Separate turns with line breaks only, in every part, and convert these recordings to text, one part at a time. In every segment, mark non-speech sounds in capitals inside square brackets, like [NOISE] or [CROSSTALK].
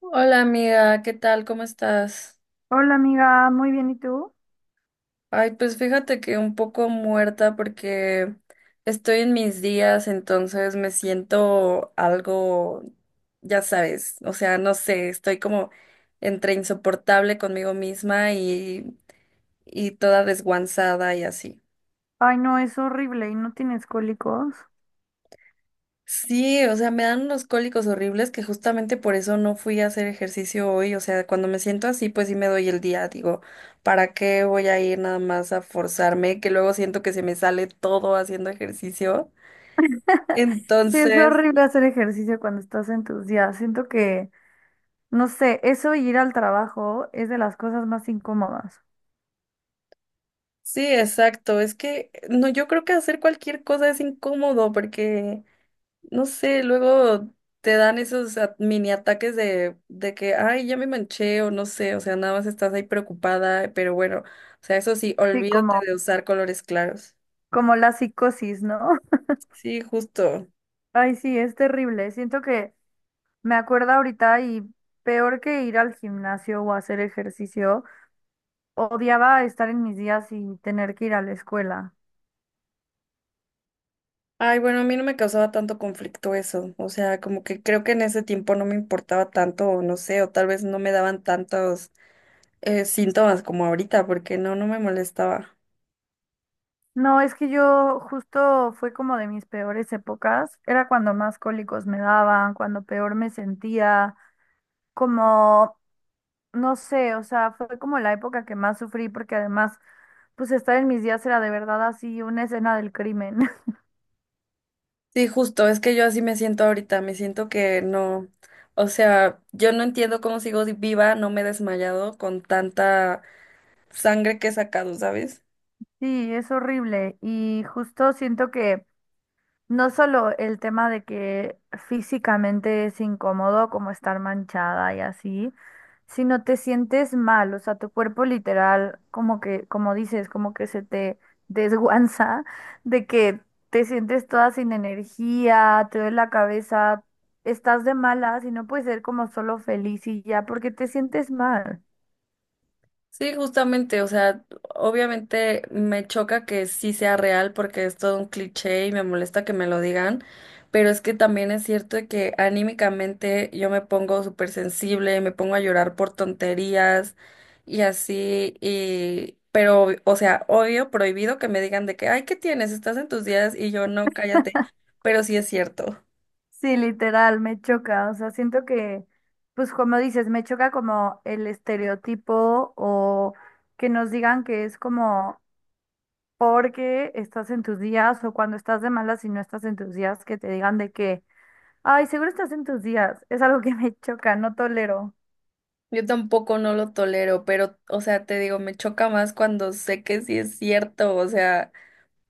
Hola amiga, ¿qué tal? ¿Cómo estás?
Hola amiga, muy bien, ¿y tú?
Ay, pues fíjate que un poco muerta porque estoy en mis días, entonces me siento algo, ya sabes, o sea, no sé, estoy como entre insoportable conmigo misma y toda desguanzada y así.
Ay, no, es horrible y no tienes cólicos.
Sí, o sea, me dan unos cólicos horribles que justamente por eso no fui a hacer ejercicio hoy. O sea, cuando me siento así, pues sí me doy el día. Digo, ¿para qué voy a ir nada más a forzarme? Que luego siento que se me sale todo haciendo ejercicio.
[LAUGHS] Sí, es
Entonces,
horrible hacer ejercicio cuando estás en tus días. Siento que, no sé, eso y ir al trabajo es de las cosas más incómodas.
sí, exacto. Es que no, yo creo que hacer cualquier cosa es incómodo porque no sé, luego te dan esos mini ataques de que, ay, ya me manché o no sé, o sea, nada más estás ahí preocupada, pero bueno, o sea, eso sí,
Sí,
olvídate
como,
de usar colores claros.
como la psicosis, ¿no?
Sí, justo.
[LAUGHS] Ay, sí, es terrible. Siento que me acuerdo ahorita y peor que ir al gimnasio o hacer ejercicio, odiaba estar en mis días y tener que ir a la escuela.
Ay, bueno, a mí no me causaba tanto conflicto eso, o sea, como que creo que en ese tiempo no me importaba tanto, o no sé, o tal vez no me daban tantos síntomas como ahorita, porque no, no me molestaba.
No, es que yo justo fue como de mis peores épocas. Era cuando más cólicos me daban, cuando peor me sentía, como, no sé, o sea, fue como la época que más sufrí porque además, pues estar en mis días era de verdad así una escena del crimen. [LAUGHS]
Sí, justo, es que yo así me siento ahorita, me siento que no, o sea, yo no entiendo cómo sigo viva, no me he desmayado con tanta sangre que he sacado, ¿sabes?
Sí, es horrible y justo siento que no solo el tema de que físicamente es incómodo como estar manchada y así, sino te sientes mal, o sea, tu cuerpo literal, como que, como dices, como que se te [LAUGHS] desguanza de que te sientes toda sin energía, te duele la cabeza, estás de malas y no puedes ser como solo feliz y ya, porque te sientes mal.
Sí, justamente, o sea, obviamente me choca que sí sea real porque es todo un cliché y me molesta que me lo digan, pero es que también es cierto de que anímicamente yo me pongo súper sensible, me pongo a llorar por tonterías y así, y pero, o sea, obvio, prohibido que me digan de que, ay, ¿qué tienes? Estás en tus días y yo no, cállate, pero sí es cierto.
Sí, literal, me choca. O sea, siento que, pues como dices, me choca como el estereotipo o que nos digan que es como porque estás en tus días o cuando estás de malas y no estás en tus días, que te digan de que, ay, seguro estás en tus días. Es algo que me choca, no tolero.
Yo tampoco no lo tolero, pero, o sea, te digo, me choca más cuando sé que sí es cierto, o sea,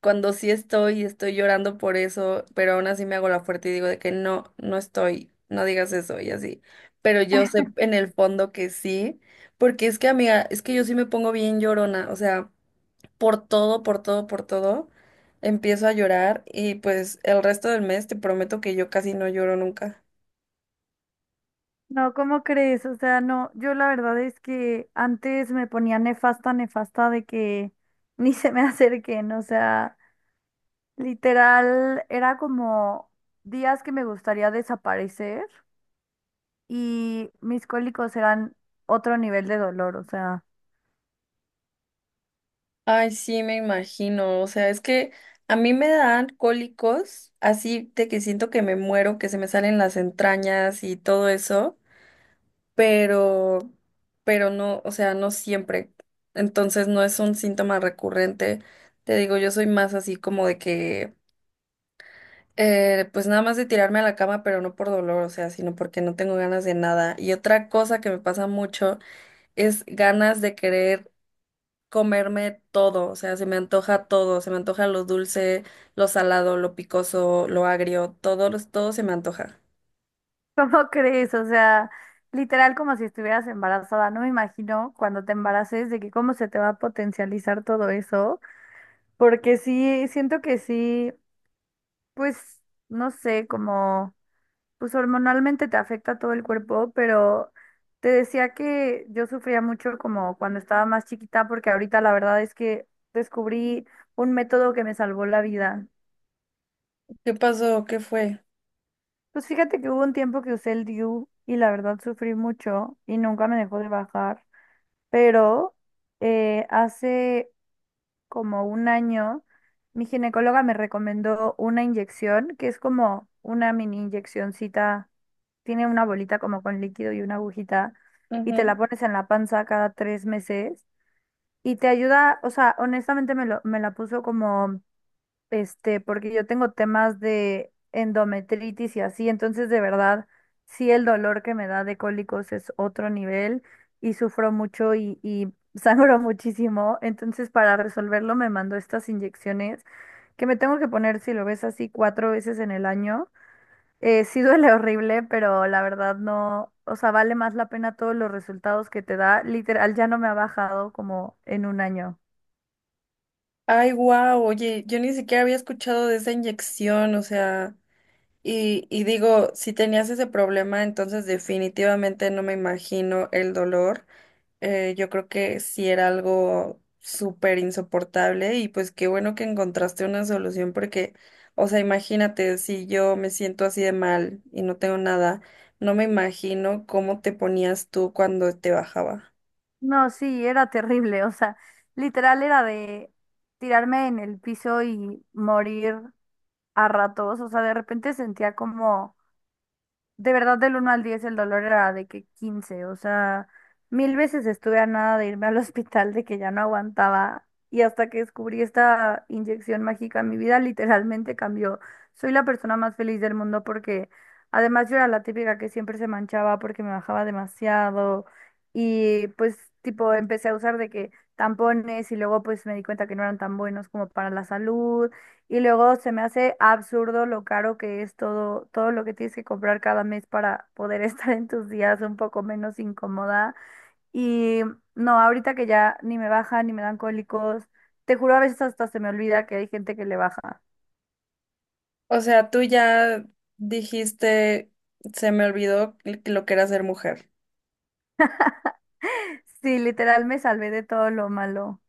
cuando sí estoy y estoy llorando por eso, pero aún así me hago la fuerte y digo de que no, no estoy, no digas eso y así. Pero yo sé en el fondo que sí, porque es que amiga, es que yo sí me pongo bien llorona, o sea, por todo, por todo, por todo, empiezo a llorar y pues el resto del mes te prometo que yo casi no lloro nunca.
No, ¿cómo crees? O sea, no, yo la verdad es que antes me ponía nefasta, nefasta de que [LAUGHS] ni se me acerquen, o sea. Literal, era como días que me gustaría desaparecer y mis cólicos eran otro nivel de dolor, o sea,
Ay, sí, me imagino. O sea, es que a mí me dan cólicos, así de que siento que me muero, que se me salen las entrañas y todo eso. pero, pero no, o sea, no siempre. Entonces no es un síntoma recurrente. Te digo, yo soy más así como de que, pues nada más de tirarme a la cama, pero no por dolor, o sea, sino porque no tengo ganas de nada. Y otra cosa que me pasa mucho es ganas de querer comerme todo, o sea, se me antoja todo, se me antoja lo dulce, lo salado, lo picoso, lo agrio, todo, todo se me antoja.
[LAUGHS] ¿cómo crees? O sea, literal como si estuvieras embarazada, no me imagino cuando te embaraces de que cómo se te va a potencializar todo eso, porque sí, siento que sí, pues, no sé, como... Pues hormonalmente te afecta todo el cuerpo, pero te decía que yo sufría mucho como cuando estaba más chiquita, porque ahorita la verdad es que descubrí un método que me salvó la vida.
¿Qué pasó? ¿Qué fue?
Pues fíjate que hubo un tiempo que usé el DIU y la verdad sufrí mucho y nunca me dejó de bajar, pero hace como un año, mi ginecóloga me recomendó una inyección que es como una mini inyeccioncita, tiene una bolita como con líquido y una agujita y
Ujú.
te la pones en la panza cada 3 meses y te ayuda, o sea, honestamente me la puso porque yo tengo temas de endometritis y así, entonces de verdad, sí el dolor que me da de cólicos es otro nivel y sufro mucho y [LAUGHS] sangro muchísimo, entonces para resolverlo me mandó estas inyecciones que me tengo que poner, si lo ves así, 4 veces en el año. Sí duele horrible, pero la verdad no, o sea, vale más la pena todos los resultados que te da. Literal, ya no me ha bajado como en un año.
Ay, wow, oye, yo ni siquiera había escuchado de esa inyección, o sea, y digo, si tenías ese problema, entonces definitivamente no me imagino el dolor. Yo creo que sí era algo súper insoportable y pues qué bueno que encontraste una solución porque, o sea, imagínate, si yo me siento así de mal y no tengo nada, no me imagino cómo te ponías tú cuando te bajaba.
No, sí, era terrible, o sea, literal era de tirarme en el piso y morir a ratos, o sea, de repente sentía como de verdad, del 1 al 10 el dolor era de que 15 o sea, mil veces estuve a nada de irme al [LAUGHS] hospital, de que ya no aguantaba. Y hasta que descubrí esta inyección mágica, mi vida literalmente cambió. Soy la persona más feliz del mundo porque además yo era la típica que siempre se manchaba porque me bajaba demasiado. Y pues tipo empecé a usar de que tampones y luego pues me di cuenta que no eran tan buenos como para la salud. Y luego se me hace absurdo lo caro que es todo, todo lo que tienes que comprar cada mes para poder [LAUGHS] estar en tus días un poco menos incómoda. Y no, ahorita que ya ni me baja ni me dan cólicos, te juro a veces hasta se me olvida que hay gente que le baja.
O sea, tú ya dijiste, se me olvidó lo que era ser mujer.
[LAUGHS] Sí, literal me salvé de todo lo malo.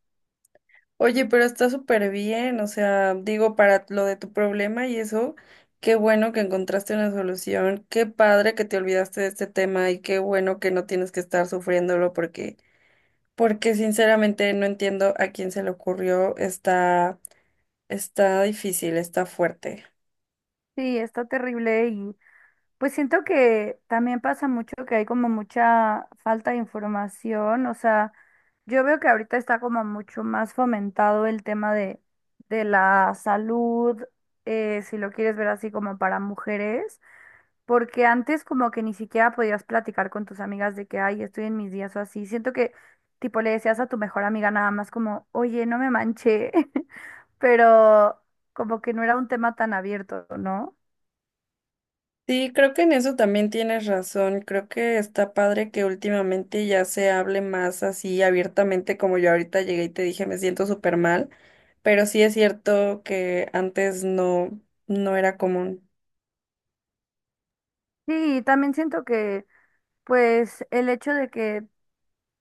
Oye, pero está súper bien, o sea, digo, para lo de tu problema y eso, qué bueno que encontraste una solución, qué padre que te olvidaste de este tema y qué bueno que no tienes que estar sufriéndolo porque, porque sinceramente no entiendo a quién se le ocurrió, está, está difícil, está fuerte.
Sí, está terrible y pues siento que también pasa mucho que hay como mucha falta de información, o sea... Yo veo que ahorita está como mucho más fomentado el tema de la salud, si lo quieres ver así como para mujeres, porque antes como que ni siquiera podías platicar con tus amigas de que, ay, estoy en mis días o así. Siento que tipo le decías a tu mejor amiga nada más como, oye, no me manché, [LAUGHS] pero como que no era un tema tan abierto, ¿no?
Sí, creo que en eso también tienes razón. Creo que está padre que últimamente ya se hable más así abiertamente, como yo ahorita llegué y te dije, me siento súper mal, pero sí es cierto que antes no, no era común.
Sí, y también siento que pues el hecho de que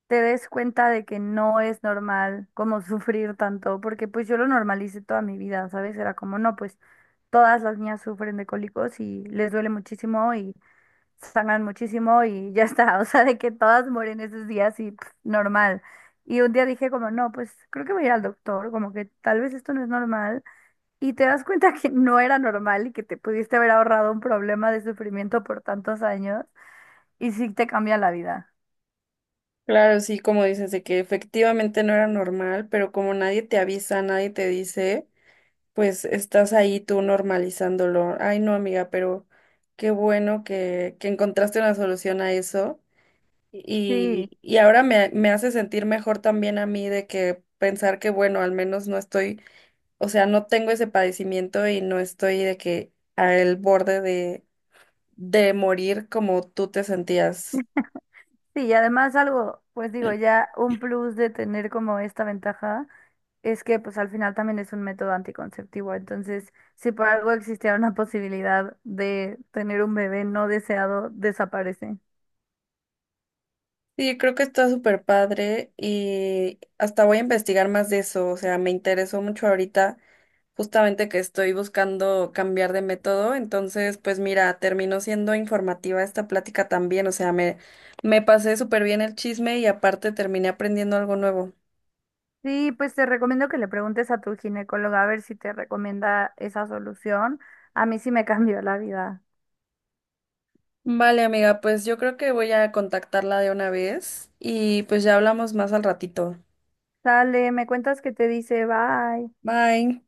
te des cuenta de que no es normal como sufrir tanto, porque pues yo lo normalicé toda mi vida, ¿sabes? Era como, no, pues todas las niñas sufren de cólicos y les duele muchísimo y sangran muchísimo y ya está, [LAUGHS] o sea, de que todas mueren esos días y pff, normal. Y un día dije como, no, pues creo que voy a ir al doctor, como que tal vez esto no es normal. Y te das cuenta que no era normal y que te pudiste haber ahorrado un problema de sufrimiento por tantos años y sí te cambia la vida.
Claro, sí, como dices, de que efectivamente no era normal, pero como nadie te avisa, nadie te dice, pues estás ahí tú normalizándolo. Ay, no, amiga, pero qué bueno que encontraste una solución a eso.
Sí.
Y ahora me hace sentir mejor también a mí de que pensar que, bueno, al menos no estoy, o sea, no tengo ese padecimiento y no estoy de que al borde de morir como tú te sentías.
Sí, y además algo, pues digo, ya un plus de tener como esta ventaja es que pues al final también es un método anticonceptivo. Entonces, si por algo existiera una posibilidad de tener un bebé no deseado, desaparece.
Sí, creo que está súper padre y hasta voy a investigar más de eso, o sea, me interesó mucho ahorita. Justamente que estoy buscando cambiar de método, entonces pues mira, terminó siendo informativa esta plática también, o sea, me pasé súper bien el chisme y aparte terminé aprendiendo algo nuevo.
Sí, pues te recomiendo que le preguntes a tu ginecóloga a ver si te recomienda esa solución. A mí sí me [LAUGHS] cambió la vida.
Vale, amiga, pues yo creo que voy a contactarla de una vez y pues ya hablamos más al ratito.
Sale, me cuentas que te dice, bye.
Bye.